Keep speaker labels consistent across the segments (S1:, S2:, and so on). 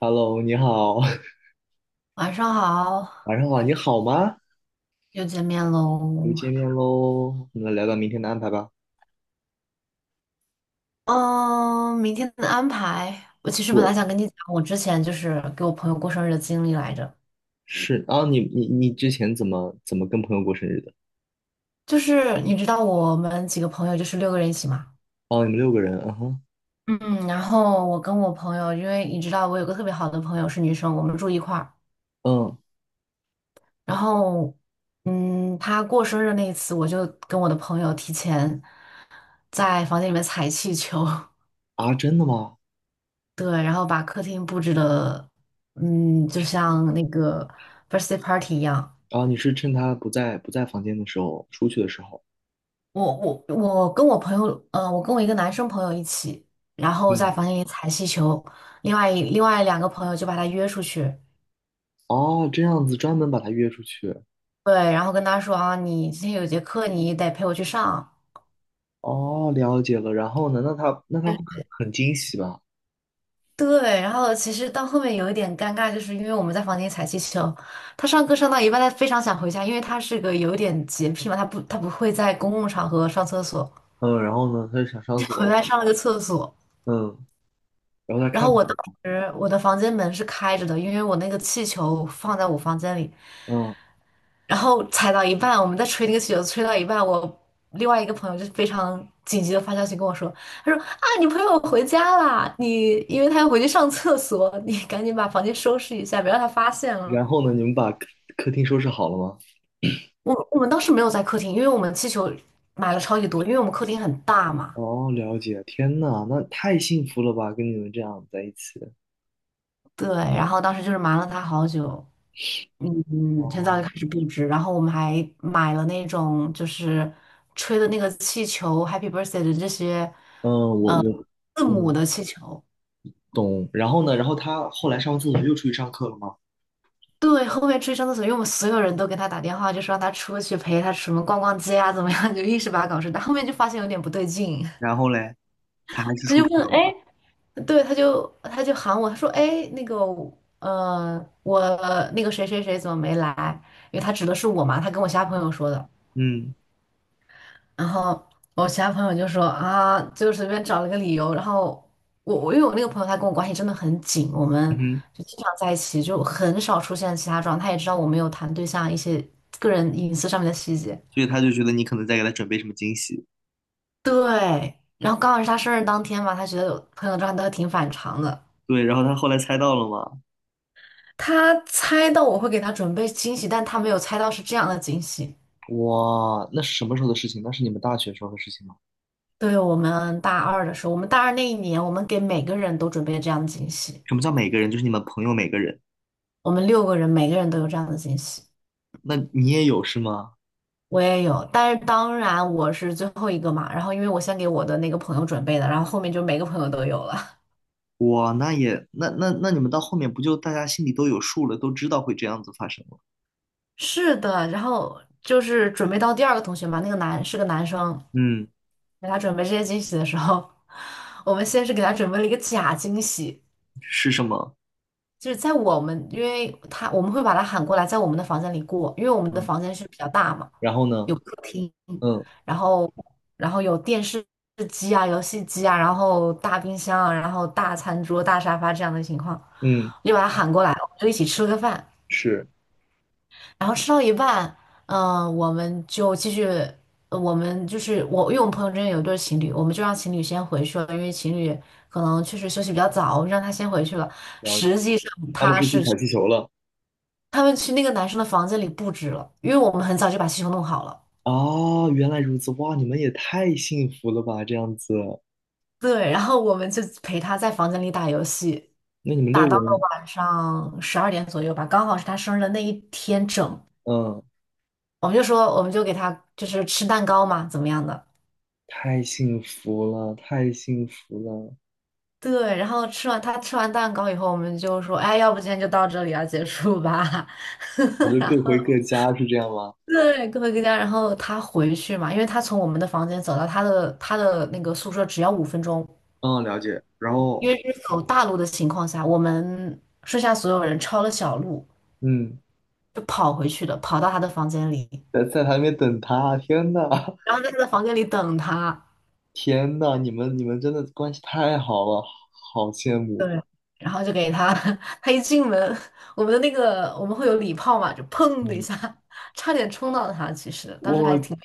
S1: Hello,你好，
S2: 晚上好，
S1: 晚上好，你好吗？
S2: 又见面
S1: 又
S2: 喽。
S1: 见面喽，我们来聊聊明天的安排吧。
S2: 嗯，明天的安排，我其实本
S1: 对，
S2: 来想跟你讲，我之前就是给我朋友过生日的经历来着。
S1: 是啊，你之前怎么跟朋友过生日的？
S2: 就是你知道我们几个朋友就是六个人一起嘛，
S1: 哦，你们六个人，嗯哼，
S2: 嗯，然后我跟我朋友，因为你知道我有个特别好的朋友是女生，我们住一块儿。
S1: 嗯。
S2: 然后，她过生日那一次，我就跟我的朋友提前在房间里面踩气球。
S1: 啊，真的吗？
S2: 对，然后把客厅布置的，就像那个 birthday party 一样。
S1: 啊，你是趁他不在房间的时候，出去的时候，
S2: 我跟我一个男生朋友一起，然后在
S1: 嗯，
S2: 房间里踩气球，另外2个朋友就把他约出去，
S1: 哦，这样子专门把他约出去，
S2: 对，然后跟他说啊，你今天有节课，你得陪我去上。
S1: 哦，了解了。然后呢，那他会很惊喜吧？
S2: 对，然后其实到后面有一点尴尬，就是因为我们在房间里踩气球，他上课上到一半，他非常想回家，因为他是个有点洁癖嘛，他不会在公共场合上厕所，
S1: 嗯，然后呢，他就想上厕所
S2: 回
S1: 了，
S2: 来上了个厕所。
S1: 嗯，然后他
S2: 然
S1: 看
S2: 后
S1: 到
S2: 我当时我的房间门是开着的，因为我那个气球放在我房间里，
S1: 嗯，
S2: 然后踩到一半，我们在吹那个气球，吹到一半，我另外一个朋友就非常紧急的发消息跟我说，他说啊，你朋友回家啦，你因为他要回去上厕所，你赶紧把房间收拾一下，别让他发现了。
S1: 然后呢，你们把客厅收拾好了吗？
S2: 我们当时没有在客厅，因为我们气球买了超级多，因为我们客厅很大嘛。
S1: 哦，了解，天呐，那太幸福了吧，跟你们这样在一起。
S2: 对，然后当时就是瞒了他好久，陈早
S1: 哇，
S2: 就开始布置，然后我们还买了那种就是吹的那个气球，Happy Birthday 的这些
S1: 嗯，我
S2: 字母
S1: 嗯
S2: 的气球。
S1: 懂。然后呢，然后他后来上完厕所又出去上课了吗？
S2: 对，后面出去上厕所，因为我们所有人都给他打电话，就说让他出去陪他什么逛逛街啊，怎么样，就一直把他搞事。但后面就发现有点不对劲，
S1: 然后嘞，他还 是
S2: 他
S1: 出
S2: 就
S1: 去
S2: 问，
S1: 了
S2: 哎，
S1: 吗？
S2: 对，他就喊我，他说，哎，那个，我那个谁谁谁怎么没来？因为他指的是我嘛，他跟我其他朋友说的。
S1: 嗯，
S2: 然后我其他朋友就说啊，就随便找了个理由。然后我因为我那个朋友他跟我关系真的很紧，我
S1: 嗯
S2: 们
S1: 哼，
S2: 就经常在一起，就很少出现其他状态。他也知道我没有谈对象一些个人隐私上面的细节。
S1: 所以他就觉得你可能在给他准备什么惊喜。
S2: 对，然后刚好是他生日当天嘛，他觉得有朋友状态都挺反常的。
S1: 对，然后他后来猜到了吗？
S2: 他猜到我会给他准备惊喜，但他没有猜到是这样的惊喜。
S1: 哇，那是什么时候的事情？那是你们大学时候的事情吗？
S2: 对，我们大二的时候，我们大二那一年，我们给每个人都准备了这样的惊喜，
S1: 什么叫每个人？就是你们朋友每个人。
S2: 我们六个人每个人都有这样的惊喜。
S1: 那你也有是吗？
S2: 我也有，但是当然我是最后一个嘛。然后因为我先给我的那个朋友准备的，然后后面就每个朋友都有了。
S1: 哇，那也那那那你们到后面不就大家心里都有数了，都知道会这样子发生了？
S2: 是的，然后就是准备到第二个同学嘛，那个男是个男生，
S1: 嗯，
S2: 给他准备这些惊喜的时候，我们先是给他准备了一个假惊喜。
S1: 是什么？
S2: 就是在我们，因为他我们会把他喊过来，在我们的房间里过，因为我们的
S1: 嗯，
S2: 房间是比较大嘛，
S1: 然后呢？
S2: 有客厅，
S1: 嗯
S2: 然后然后有电视机啊、游戏机啊，然后大冰箱啊，然后大餐桌、大沙发这样的情况，
S1: 嗯，
S2: 我就把他喊过来，我们就一起吃了个饭，
S1: 是，
S2: 然后吃到一半，我们就继续，呃我们就是我，因为我们朋友之间有一对情侣，我们就让情侣先回去了，因为情侣可能确实休息比较早，我们让他先回去了。
S1: 然后
S2: 实际上
S1: 他们
S2: 他
S1: 是去
S2: 是。
S1: 踩气球了。
S2: 他们去那个男生的房间里布置了，因为我们很早就把气球弄好了。
S1: 啊，原来如此，哇，你们也太幸福了吧，这样子，
S2: 对，然后我们就陪他在房间里打游戏，
S1: 那你们六个人，
S2: 晚上12点左右吧，刚好是他生日的那一天整。
S1: 嗯，
S2: 我们就说，我们就给他就是吃蛋糕嘛，怎么样的？
S1: 太幸福了，太幸福了，
S2: 对，然后吃完他吃完蛋糕以后，我们就说，哎，要不今天就到这里啊，结束吧。
S1: 我就各回各家，是这样吗？
S2: 对，各回各家。然后他回去嘛，因为他从我们的房间走到他的那个宿舍只要5分钟，
S1: 嗯，了解。然
S2: 因
S1: 后，
S2: 为是走大路的情况下，我们剩下所有人抄了小路，
S1: 嗯，
S2: 就跑回去的，跑到他的房间里，
S1: 在台面等他，天呐，
S2: 然后在他的房间里等他。
S1: 天呐，你们真的关系太好了，好羡
S2: 对，
S1: 慕。
S2: 然后就给他，他一进门，我们的那个我们会有礼炮嘛，就砰的一下，
S1: 嗯，
S2: 差点冲到他。其实当时
S1: 我
S2: 还挺，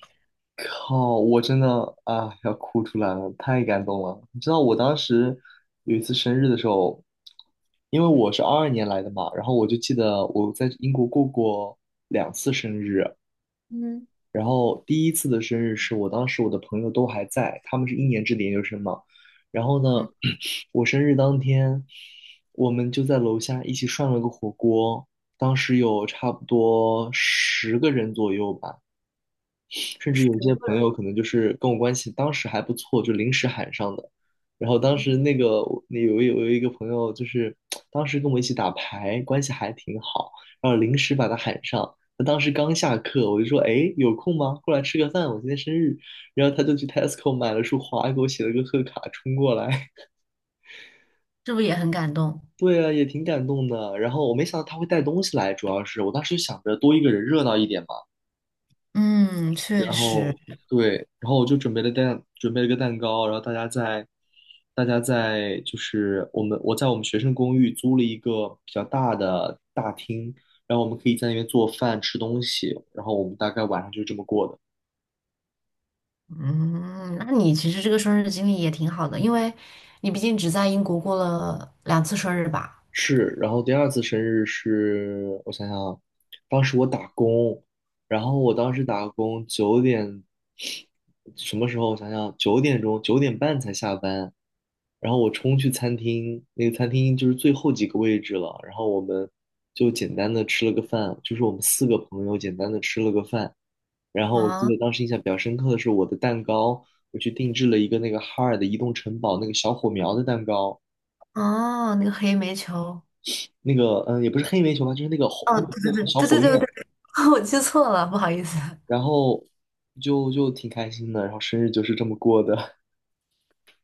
S1: 靠！我真的啊，要哭出来了，太感动了。你知道我当时有一次生日的时候，因为我是22年来的嘛，然后我就记得我在英国过过两次生日，
S2: 嗯
S1: 然后第一次的生日是我当时我的朋友都还在，他们是一年制的研究生嘛，然后
S2: 嗯，
S1: 呢，我生日当天，我们就在楼下一起涮了个火锅，当时有差不多10个人左右吧。甚至
S2: 整
S1: 有些
S2: 多
S1: 朋
S2: 人
S1: 友可能就是跟我关系当时还不错，就临时喊上的。然后当时那个那有有有一个朋友，就是当时跟我一起打牌，关系还挺好，然后临时把他喊上。他当时刚下课，我就说："哎，有空吗？过来吃个饭，我今天生日。"然后他就去 Tesco 买了束花，给我写了个贺卡，冲过来。
S2: 是不是也很感动？
S1: 对啊，也挺感动的。然后我没想到他会带东西来，主要是我当时就想着多一个人热闹一点嘛。
S2: 嗯，确
S1: 然
S2: 实，
S1: 后对，然后我就准备了个蛋糕然后大家在就是我在我们学生公寓租了一个比较大的大厅，然后我们可以在那边做饭吃东西，然后我们大概晚上就这么过的。
S2: 嗯，那你其实这个生日经历也挺好的，因为你毕竟只在英国过了2次生日吧？
S1: 是，然后第二次生日是我想想啊，当时我打工，然后我当时打工九点，什么时候？我想想，九点半才下班，然后我冲去餐厅，那个餐厅就是最后几个位置了，然后我们就简单的吃了个饭，就是我们四个朋友简单的吃了个饭，然后我记
S2: 啊。
S1: 得当时印象比较深刻的是我的蛋糕，我去定制了一个那个哈尔的移动城堡那个小火苗的蛋糕。
S2: 哦，那个黑煤球，
S1: 那个也不是黑煤球吧，就是那个火
S2: 哦，
S1: 那个
S2: 对
S1: 那
S2: 对
S1: 个
S2: 对
S1: 小
S2: 对对
S1: 火
S2: 对对
S1: 焰，
S2: 对，我记错了，不好意思。
S1: 然后就挺开心的，然后生日就是这么过的，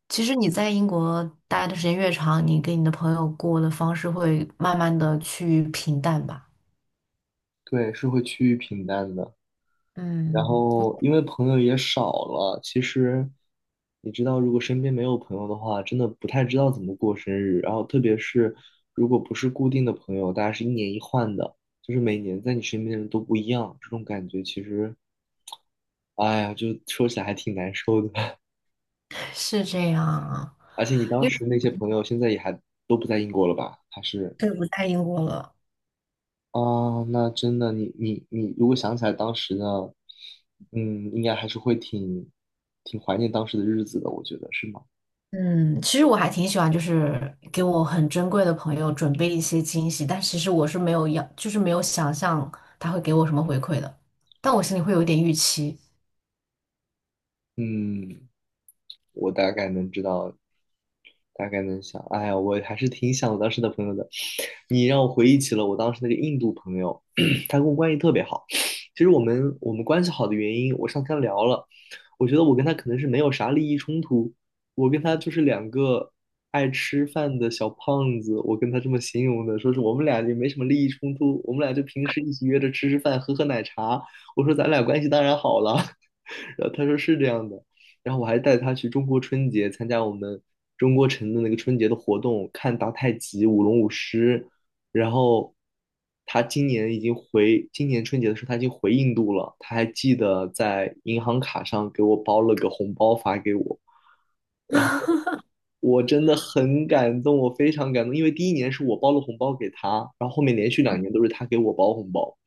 S2: 其实你在英国待的时间越长，你跟你的朋友过的方式会慢慢的去平淡吧。
S1: 对，是会趋于平淡的。然
S2: 嗯，
S1: 后因为朋友也少了，其实你知道，如果身边没有朋友的话，真的不太知道怎么过生日。然后特别是如果不是固定的朋友，大家是一年一换的，就是每年在你身边的人都不一样，这种感觉其实，哎呀，就说起来还挺难受的。
S2: 是这样啊，
S1: 而且你当
S2: 因为
S1: 时那些朋友现在也还都不在英国了吧？还是
S2: 对不在英国了。
S1: 啊，那真的，你，如果想起来当时呢，嗯，应该还是会挺怀念当时的日子的，我觉得是吗？
S2: 嗯，其实我还挺喜欢，就是给我很珍贵的朋友准备一些惊喜，但其实我是没有要，就是没有想象他会给我什么回馈的，但我心里会有一点预期。
S1: 嗯，我大概能知道大概能想。哎呀，我还是挺想我当时的朋友的。你让我回忆起了我当时那个印度朋友，他跟我关系特别好。其实我们关系好的原因，我上天聊了，我觉得我跟他可能是没有啥利益冲突，我跟他就是两个爱吃饭的小胖子，我跟他这么形容的，说是我们俩也没什么利益冲突，我们俩就平时一起约着吃吃饭，喝喝奶茶。我说咱俩关系当然好了，然后他说是这样的。然后我还带他去中国春节参加我们中国城的那个春节的活动，看打太极、舞龙舞狮。然后他今年已经回，今年春节的时候他已经回印度了，他还记得在银行卡上给我包了个红包发给我。然后我真的很感动，我非常感动，因为第一年是我包了红包给他，然后后面连续2年都是他给我包红包。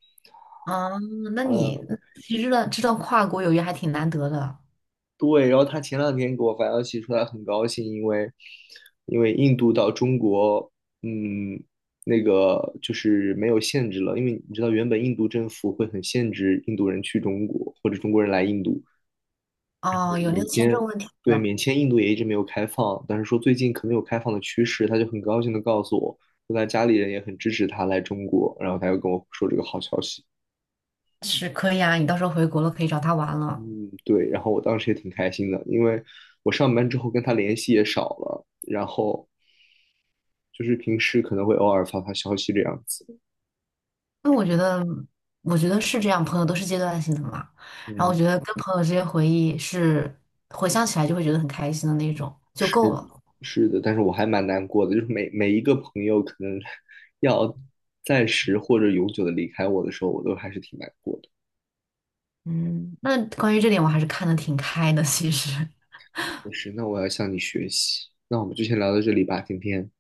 S2: 啊，那你
S1: 嗯。
S2: 其实呢，道知道跨国友谊还挺难得的
S1: 对，然后他前两天给我发消息说他很高兴，因为印度到中国，嗯，那个就是没有限制了，因为你知道原本印度政府会很限制印度人去中国或者中国人来印度，
S2: 哦，有那个
S1: 免
S2: 签
S1: 签，
S2: 证问题对
S1: 对，
S2: 吧？
S1: 免签印度也一直没有开放，但是说最近可能有开放的趋势，他就很高兴的告诉我，说他家里人也很支持他来中国，然后他又跟我说这个好消息。
S2: 是可以啊，你到时候回国了可以找他玩了。
S1: 嗯，对，然后我当时也挺开心的，因为我上班之后跟他联系也少了，然后就是平时可能会偶尔发发消息这样子。
S2: 那我觉得，我觉得是这样，朋友都是阶段性的嘛。然后
S1: 嗯，
S2: 我觉得跟朋友之间回忆是回想起来就会觉得很开心的那种，就
S1: 是
S2: 够
S1: 的
S2: 了。
S1: 是的，但是我还蛮难过的，就是每一个朋友可能 要暂时或者永久的离开我的时候，我都还是挺难过的。
S2: 嗯，那关于这点我还是看得挺开的，其实。
S1: 就是，那我要向你学习。那我们就先聊到这里吧，今天，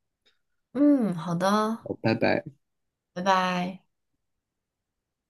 S2: 嗯，好的，
S1: 好，拜拜。
S2: 拜拜。